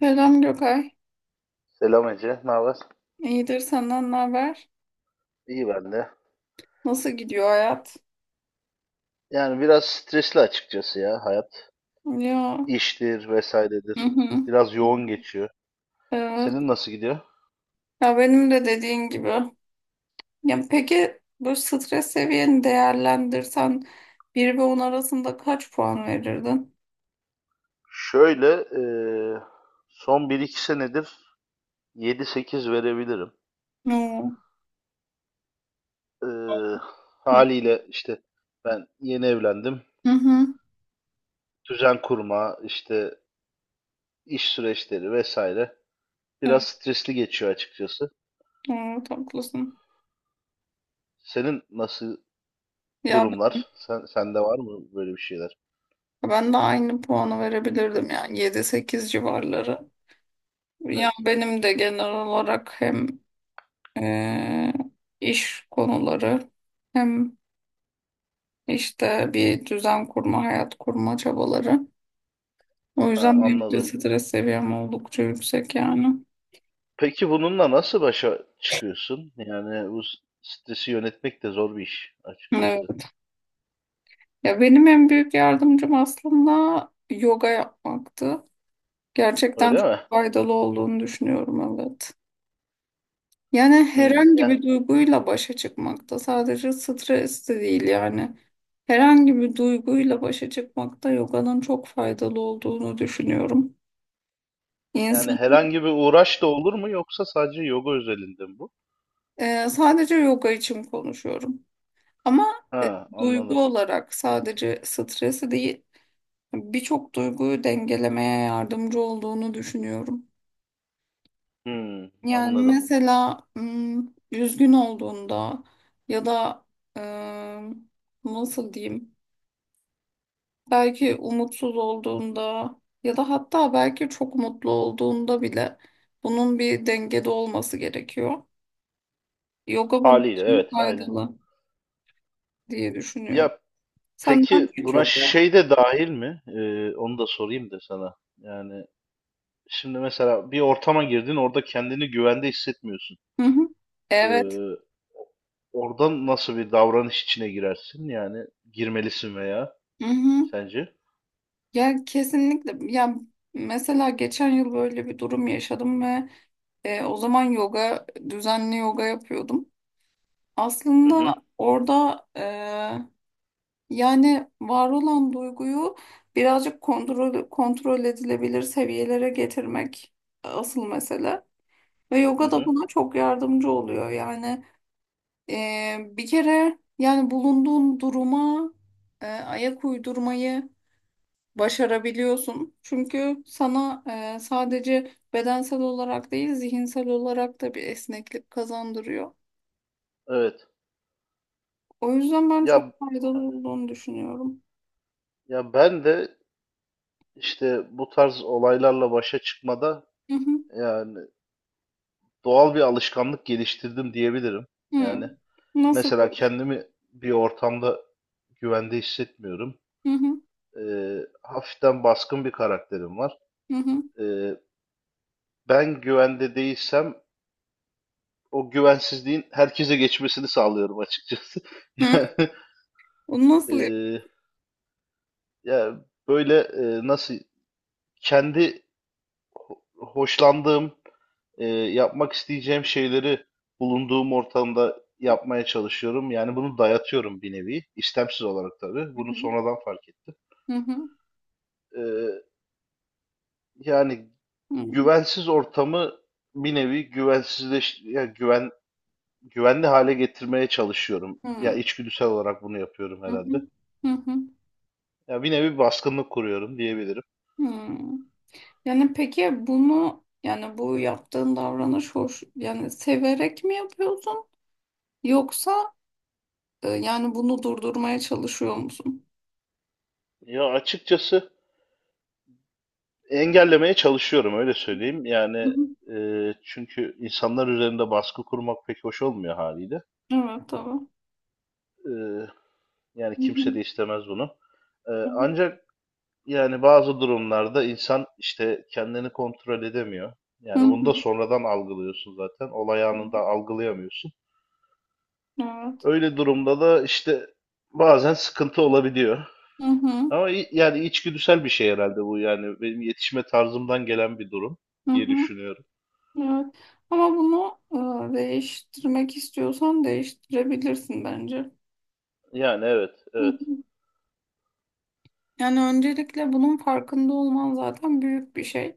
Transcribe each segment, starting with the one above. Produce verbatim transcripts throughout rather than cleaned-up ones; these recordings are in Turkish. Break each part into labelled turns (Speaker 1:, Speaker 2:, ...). Speaker 1: Selam Gökay.
Speaker 2: Selam Ece, ne haber?
Speaker 1: İyidir senden ne haber?
Speaker 2: İyi ben de.
Speaker 1: Nasıl gidiyor hayat?
Speaker 2: Yani biraz stresli açıkçası ya hayat.
Speaker 1: Ya.
Speaker 2: İştir
Speaker 1: Hı
Speaker 2: vesairedir.
Speaker 1: hı.
Speaker 2: Biraz yoğun geçiyor.
Speaker 1: Evet.
Speaker 2: Senin nasıl gidiyor?
Speaker 1: Ya benim de dediğin gibi. Ya peki bu stres seviyeni değerlendirsen bir ve on arasında kaç puan verirdin?
Speaker 2: Şöyle, eee, son bir iki senedir yedi sekiz verebilirim.
Speaker 1: Oo.
Speaker 2: Eee,
Speaker 1: Hı
Speaker 2: haliyle işte ben yeni evlendim.
Speaker 1: hı. hı.
Speaker 2: Düzen kurma, işte iş süreçleri vesaire. Biraz
Speaker 1: Evet,
Speaker 2: stresli geçiyor açıkçası.
Speaker 1: evet, haklısın.
Speaker 2: Senin nasıl
Speaker 1: Ya
Speaker 2: durumlar? Sen, sende var mı böyle bir şeyler?
Speaker 1: ben de aynı puanı verebilirdim yani yedi sekiz civarları. Ya
Speaker 2: Evet.
Speaker 1: benim de genel olarak hem e, iş konuları hem işte bir düzen kurma, hayat kurma çabaları. O
Speaker 2: Ha,
Speaker 1: yüzden benim de
Speaker 2: anladım.
Speaker 1: stres seviyem oldukça yüksek yani.
Speaker 2: Peki bununla nasıl başa çıkıyorsun? Yani bu s- stresi yönetmek de zor bir iş açıkçası.
Speaker 1: Evet. Ya benim en büyük yardımcım aslında yoga yapmaktı. Gerçekten
Speaker 2: Öyle
Speaker 1: çok
Speaker 2: mi?
Speaker 1: faydalı olduğunu düşünüyorum, evet. Yani
Speaker 2: Hmm,
Speaker 1: herhangi
Speaker 2: ya,
Speaker 1: bir duyguyla başa çıkmakta, sadece stres de değil yani. Herhangi bir duyguyla başa çıkmakta yoganın çok faydalı olduğunu düşünüyorum.
Speaker 2: yani
Speaker 1: İnsan
Speaker 2: herhangi bir uğraş da olur mu yoksa sadece yoga özelinde mi bu?
Speaker 1: Ee, sadece yoga için konuşuyorum. Ama
Speaker 2: Ha, anladım.
Speaker 1: duygu olarak sadece stresi değil, birçok duyguyu dengelemeye yardımcı olduğunu düşünüyorum.
Speaker 2: Hmm,
Speaker 1: Yani
Speaker 2: anladım.
Speaker 1: mesela hmm, üzgün olduğunda ya da eee, nasıl diyeyim, belki umutsuz olduğunda ya da hatta belki çok mutlu olduğunda bile bunun bir dengede olması gerekiyor. Yoga bunun
Speaker 2: Haliyle
Speaker 1: için
Speaker 2: evet, aynen.
Speaker 1: faydalı diye düşünüyorum.
Speaker 2: Ya
Speaker 1: Senden
Speaker 2: peki buna
Speaker 1: çok
Speaker 2: şey de dahil mi? Ee, onu da sorayım da sana. Yani şimdi mesela bir ortama girdin, orada kendini güvende hissetmiyorsun.
Speaker 1: Hı hı. Evet.
Speaker 2: Ee, Oradan nasıl bir davranış içine girersin? Yani girmelisin veya
Speaker 1: Hı hı.
Speaker 2: sence?
Speaker 1: Ya, kesinlikle. Ya mesela geçen yıl böyle bir durum yaşadım ve e, o zaman yoga düzenli yoga yapıyordum.
Speaker 2: Hı
Speaker 1: Aslında
Speaker 2: hı,
Speaker 1: orada e, yani var olan duyguyu birazcık kontrol kontrol edilebilir seviyelere getirmek asıl mesele. Ve
Speaker 2: hı
Speaker 1: yoga da
Speaker 2: hı.
Speaker 1: buna çok yardımcı oluyor. Yani e, bir kere yani bulunduğun duruma e, ayak uydurmayı başarabiliyorsun. Çünkü sana e, sadece bedensel olarak değil, zihinsel olarak da bir esneklik kazandırıyor.
Speaker 2: Evet.
Speaker 1: O yüzden ben çok
Speaker 2: Ya
Speaker 1: faydalı
Speaker 2: hani-
Speaker 1: olduğunu düşünüyorum.
Speaker 2: ya ben de işte bu tarz olaylarla başa çıkmada
Speaker 1: Hı hı.
Speaker 2: yani doğal bir alışkanlık geliştirdim diyebilirim.
Speaker 1: Hı.
Speaker 2: Yani
Speaker 1: Nasıl
Speaker 2: mesela
Speaker 1: yapıyorsun?
Speaker 2: kendimi bir ortamda güvende hissetmiyorum.
Speaker 1: Hı hı.
Speaker 2: Ee, hafiften baskın bir karakterim var.
Speaker 1: Hı hı.
Speaker 2: Ee, Ben güvende değilsem o güvensizliğin herkese geçmesini sağlıyorum açıkçası.
Speaker 1: Hı.
Speaker 2: Yani,
Speaker 1: Onu nasıl
Speaker 2: e, ya böyle e, nasıl kendi ho- hoşlandığım, e, yapmak isteyeceğim şeyleri bulunduğum ortamda yapmaya çalışıyorum. Yani bunu dayatıyorum bir nevi. İstemsiz olarak tabii. Bunu
Speaker 1: yapıyorsun?
Speaker 2: sonradan fark ettim.
Speaker 1: Hı hı. Hı
Speaker 2: E, yani
Speaker 1: hı.
Speaker 2: güvensiz ortamı bir nevi güvensizleş, ya güven güvenli hale getirmeye çalışıyorum.
Speaker 1: Hı
Speaker 2: Ya
Speaker 1: hı.
Speaker 2: içgüdüsel olarak bunu yapıyorum
Speaker 1: Hı hı.
Speaker 2: herhalde.
Speaker 1: Hı hı.
Speaker 2: Ya bir nevi baskınlık kuruyorum diyebilirim.
Speaker 1: Yani peki bunu, yani bu yaptığın davranış hoş, yani severek mi yapıyorsun, yoksa e, yani bunu durdurmaya çalışıyor musun?
Speaker 2: Ya açıkçası engellemeye çalışıyorum öyle söyleyeyim.
Speaker 1: Hı
Speaker 2: Yani
Speaker 1: hı.
Speaker 2: e, çünkü insanlar üzerinde baskı kurmak pek hoş olmuyor haliyle.
Speaker 1: Evet, tamam.
Speaker 2: E, Yani
Speaker 1: Hı hı.
Speaker 2: kimse de istemez bunu. E,
Speaker 1: Hı hı.
Speaker 2: ancak yani bazı durumlarda insan işte kendini kontrol edemiyor.
Speaker 1: Hı
Speaker 2: Yani bunu da
Speaker 1: hı.
Speaker 2: sonradan algılıyorsun zaten. Olay anında algılayamıyorsun.
Speaker 1: Evet.
Speaker 2: Öyle durumda da işte bazen sıkıntı olabiliyor.
Speaker 1: Hı hı.
Speaker 2: Ama i- yani içgüdüsel bir şey herhalde bu yani benim yetişme tarzımdan gelen bir durum
Speaker 1: Hı
Speaker 2: diye
Speaker 1: hı.
Speaker 2: düşünüyorum.
Speaker 1: Evet. Ama bunu e, değiştirmek istiyorsan değiştirebilirsin bence.
Speaker 2: Yani evet,
Speaker 1: Hı
Speaker 2: evet.
Speaker 1: hı. Yani öncelikle bunun farkında olman zaten büyük bir şey.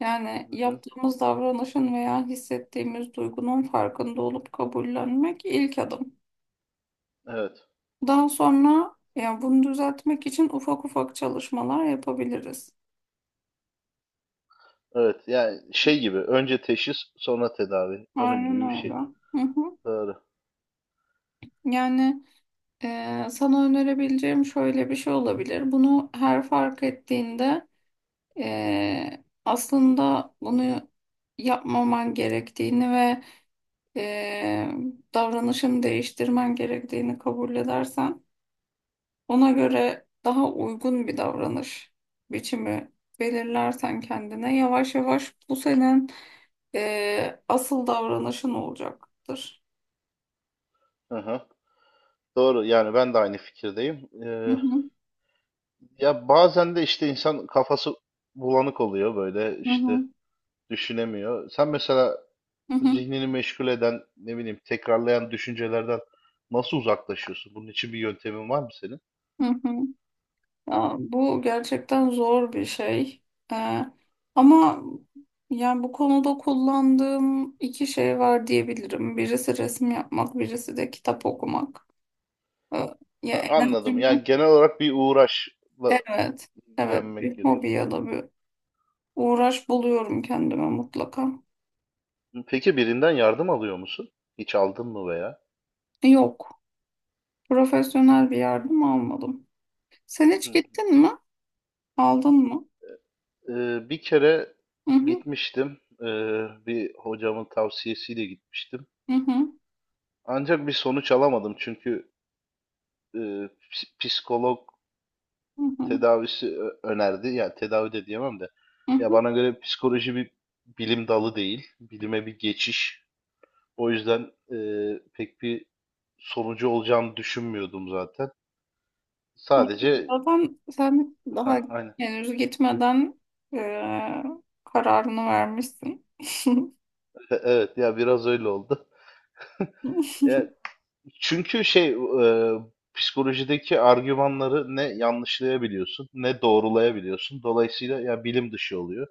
Speaker 1: Yani
Speaker 2: Hı hı,
Speaker 1: yaptığımız davranışın veya hissettiğimiz duygunun farkında olup kabullenmek ilk adım.
Speaker 2: evet,
Speaker 1: Daha sonra ya bunu düzeltmek için ufak ufak çalışmalar yapabiliriz.
Speaker 2: evet. Yani şey gibi önce teşhis sonra tedavi. Onun
Speaker 1: Aynen
Speaker 2: gibi bir
Speaker 1: öyle.
Speaker 2: şey.
Speaker 1: Hı hı.
Speaker 2: Doğru.
Speaker 1: Yani Ee, sana önerebileceğim şöyle bir şey olabilir. Bunu her fark ettiğinde ee, aslında bunu yapmaman gerektiğini ve ee, davranışını değiştirmen gerektiğini kabul edersen, ona göre daha uygun bir davranış biçimi belirlersen kendine, yavaş yavaş bu senin ee, asıl davranışın olacaktır.
Speaker 2: Hı hı. Doğru. Yani ben de aynı fikirdeyim.
Speaker 1: Hı
Speaker 2: Ee,
Speaker 1: hı,
Speaker 2: ya bazen de işte insan kafası bulanık oluyor böyle
Speaker 1: hı
Speaker 2: işte
Speaker 1: hı,
Speaker 2: düşünemiyor. Sen mesela
Speaker 1: hı hı,
Speaker 2: zihnini meşgul eden ne bileyim tekrarlayan düşüncelerden nasıl uzaklaşıyorsun? Bunun için bir yöntemin var mı senin?
Speaker 1: hı hı. Ya, bu gerçekten zor bir şey. Ee, Ama yani bu konuda kullandığım iki şey var diyebilirim. Birisi resim yapmak, birisi de kitap okumak. Ee, ya
Speaker 2: Ha, anladım.
Speaker 1: enerjimi,
Speaker 2: Yani genel olarak bir uğraşla
Speaker 1: evet, evet,
Speaker 2: ilgilenmek
Speaker 1: bir hobi
Speaker 2: gerekiyor.
Speaker 1: ya da bir uğraş buluyorum kendime mutlaka.
Speaker 2: Peki birinden yardım alıyor musun? Hiç aldın mı veya?
Speaker 1: Yok, profesyonel bir yardım almadım. Sen hiç
Speaker 2: Hı.
Speaker 1: gittin mi? Aldın mı?
Speaker 2: Ee, bir kere
Speaker 1: Hı hı,
Speaker 2: gitmiştim. Ee, bir hocamın tavsiyesiyle gitmiştim.
Speaker 1: hı hı,
Speaker 2: Ancak bir sonuç alamadım çünkü e, ps- psikolog
Speaker 1: hı hı,
Speaker 2: tedavisi ö- önerdi. Yani tedavi de diyemem de.
Speaker 1: hı
Speaker 2: Ya
Speaker 1: hı.
Speaker 2: bana göre psikoloji bir bilim dalı değil. Bilime bir geçiş. O yüzden e, pek bir sonucu olacağını düşünmüyordum zaten.
Speaker 1: Evet,
Speaker 2: Sadece
Speaker 1: Zaten sen daha
Speaker 2: hah, aynen.
Speaker 1: henüz gitmeden e, kararını vermişsin.
Speaker 2: Evet ya biraz öyle oldu. Ya, çünkü şey e, psikolojideki argümanları ne yanlışlayabiliyorsun ne doğrulayabiliyorsun. Dolayısıyla ya bilim dışı oluyor.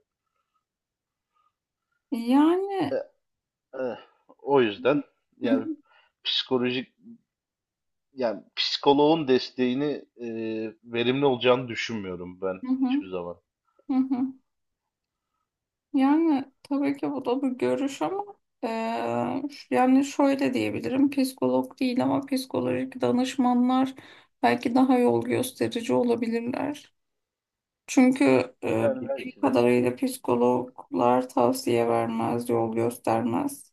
Speaker 2: E,
Speaker 1: Yani.
Speaker 2: e, o yüzden
Speaker 1: Hı
Speaker 2: yani
Speaker 1: hı,
Speaker 2: psikolojik yani psikoloğun desteğini e, verimli olacağını düşünmüyorum ben
Speaker 1: hı hı,
Speaker 2: hiçbir zaman.
Speaker 1: hı hı. Yani tabii ki bu da bir görüş ama e, ş- yani şöyle diyebilirim: psikolog değil ama psikolojik danışmanlar belki daha yol gösterici olabilirler. Çünkü e,
Speaker 2: Yani
Speaker 1: bildiğim
Speaker 2: belki de.
Speaker 1: kadarıyla psikologlar tavsiye vermez, yol göstermez.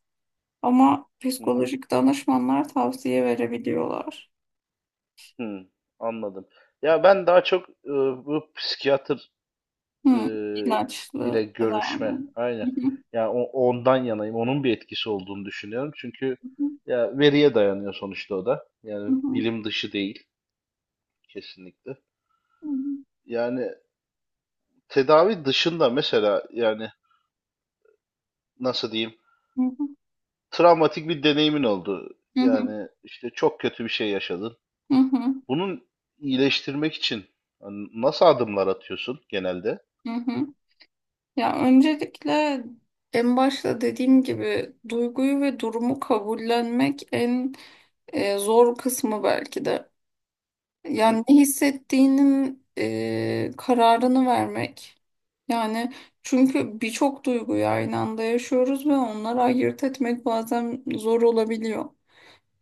Speaker 1: Ama
Speaker 2: Hı hı.
Speaker 1: psikolojik danışmanlar tavsiye verebiliyorlar.
Speaker 2: Hı, anladım. Ya ben daha çok e, bu psikiyatr
Speaker 1: Hı,
Speaker 2: eee, ile
Speaker 1: ilaçlı tedavi.
Speaker 2: görüşme.
Speaker 1: Hı
Speaker 2: Aynen.
Speaker 1: hı,
Speaker 2: Ya o- ondan yanayım. Onun bir etkisi olduğunu düşünüyorum. Çünkü ya veriye dayanıyor sonuçta o da.
Speaker 1: hı
Speaker 2: Yani
Speaker 1: hı,
Speaker 2: bilim dışı değil kesinlikle. Yani tedavi dışında mesela yani nasıl diyeyim?
Speaker 1: hı hı,
Speaker 2: Travmatik bir deneyimin oldu.
Speaker 1: hı hı,
Speaker 2: Yani işte çok kötü bir şey yaşadın.
Speaker 1: hı hı,
Speaker 2: Bunun iyileştirmek için hani nasıl adımlar atıyorsun genelde?
Speaker 1: hı hı. Ya öncelikle, en başta dediğim gibi, duyguyu ve durumu kabullenmek en e, zor kısmı belki de.
Speaker 2: Hı hı.
Speaker 1: Yani ne hissettiğinin e, kararını vermek. Yani çünkü birçok duyguyu aynı anda yaşıyoruz ve onları ayırt etmek bazen zor olabiliyor.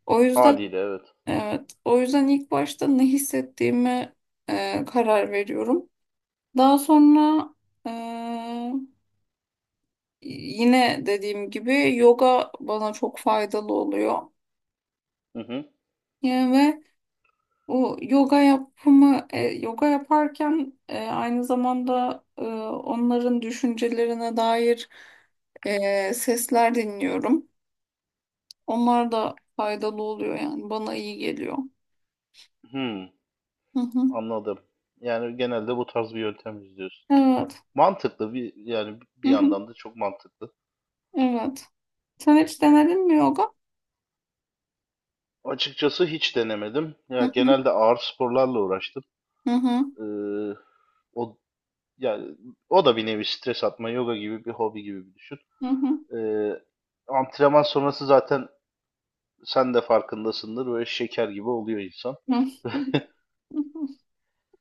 Speaker 1: O yüzden
Speaker 2: Haliyle evet.
Speaker 1: evet, o yüzden ilk başta ne hissettiğime e, karar veriyorum. Daha sonra e, yine dediğim gibi yoga bana çok faydalı oluyor.
Speaker 2: Hı hı.
Speaker 1: Yani O yoga yapımı, e, yoga yaparken e, aynı zamanda e, onların düşüncelerine dair e, sesler dinliyorum. Onlar da faydalı oluyor, yani bana iyi geliyor.
Speaker 2: Hı.
Speaker 1: Hı hı.
Speaker 2: Anladım. Yani genelde bu tarz bir yöntem izliyorsun.
Speaker 1: Evet.
Speaker 2: Mantıklı bir yani
Speaker 1: Hı
Speaker 2: bir
Speaker 1: hı.
Speaker 2: yandan da çok mantıklı.
Speaker 1: Evet. Sen hiç denedin mi yoga?
Speaker 2: Açıkçası hiç denemedim.
Speaker 1: Hı
Speaker 2: Ya
Speaker 1: hı.
Speaker 2: genelde ağır sporlarla uğraştım.
Speaker 1: Hı hı.
Speaker 2: Ee, o yani o da bir nevi stres atma, yoga gibi bir hobi gibi bir düşün.
Speaker 1: Hı hı.
Speaker 2: Ee, antrenman sonrası zaten sen de farkındasındır böyle şeker gibi oluyor insan.
Speaker 1: Hı hı.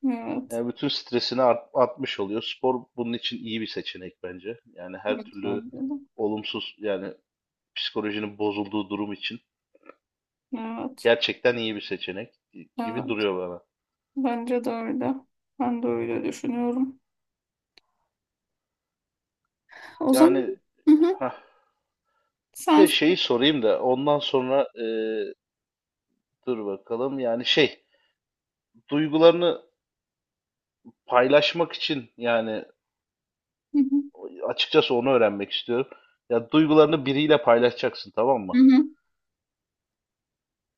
Speaker 1: Evet.
Speaker 2: Yani bütün stresini art- atmış oluyor. Spor bunun için iyi bir seçenek bence. Yani her
Speaker 1: Evet.
Speaker 2: türlü
Speaker 1: Bence de.
Speaker 2: olumsuz yani psikolojinin bozulduğu durum için.
Speaker 1: Evet.
Speaker 2: Gerçekten iyi bir seçenek gibi
Speaker 1: Evet.
Speaker 2: duruyor bana.
Speaker 1: Bence de öyle. Ben de öyle düşünüyorum. O zaman
Speaker 2: Yani
Speaker 1: Hı hı.
Speaker 2: hah, bir
Speaker 1: Sen
Speaker 2: de şeyi sorayım da ondan sonra e, dur bakalım. Yani şey duygularını paylaşmak için yani
Speaker 1: Hı hı.
Speaker 2: açıkçası onu öğrenmek istiyorum. Ya duygularını biriyle paylaşacaksın tamam
Speaker 1: Hı
Speaker 2: mı?
Speaker 1: hı.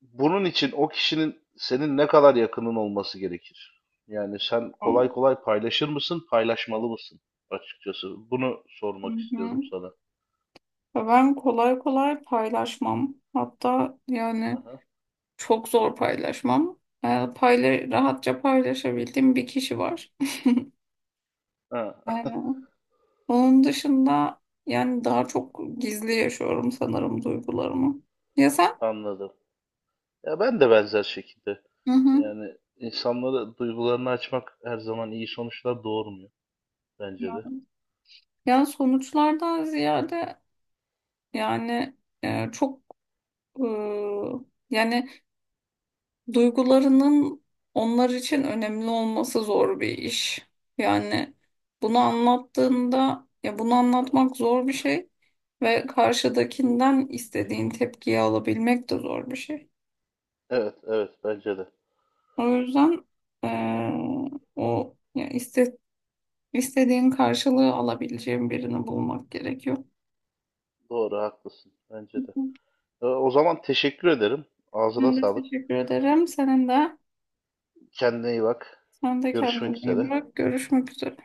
Speaker 2: Bunun için o kişinin senin ne kadar yakının olması gerekir? Yani sen
Speaker 1: Hı
Speaker 2: kolay kolay paylaşır mısın, paylaşmalı mısın? Açıkçası bunu sormak istiyordum
Speaker 1: hı.
Speaker 2: sana.
Speaker 1: Ben kolay kolay paylaşmam. Hatta yani
Speaker 2: Aha.
Speaker 1: çok zor paylaşmam. Ee, payla Rahatça paylaşabildiğim bir kişi var.
Speaker 2: Ha,
Speaker 1: Ee, Onun dışında yani daha çok gizli yaşıyorum sanırım duygularımı. Ya sen?
Speaker 2: anladım. Ya ben de benzer şekilde.
Speaker 1: Hı hı.
Speaker 2: Yani insanlara duygularını açmak her zaman iyi sonuçlar doğurmuyor bence de.
Speaker 1: Yani sonuçlardan ziyade yani e, çok e, yani Duygularının onlar için önemli olması zor bir iş. Yani bunu anlattığında, ya, bunu anlatmak zor bir şey ve karşıdakinden istediğin tepkiyi alabilmek de zor bir şey.
Speaker 2: Evet, evet bence de.
Speaker 1: O yüzden eee, o ya iste, istediğin karşılığı alabileceğin birini bulmak gerekiyor.
Speaker 2: Doğru, haklısın.
Speaker 1: Hı
Speaker 2: Bence de.
Speaker 1: hı.
Speaker 2: E, O zaman teşekkür ederim. Ağzına
Speaker 1: Ben de
Speaker 2: sağlık.
Speaker 1: teşekkür ederim. Senin de
Speaker 2: Kendine iyi bak.
Speaker 1: sen de
Speaker 2: Görüşmek
Speaker 1: kendine iyi
Speaker 2: üzere.
Speaker 1: bak. Görüşmek üzere.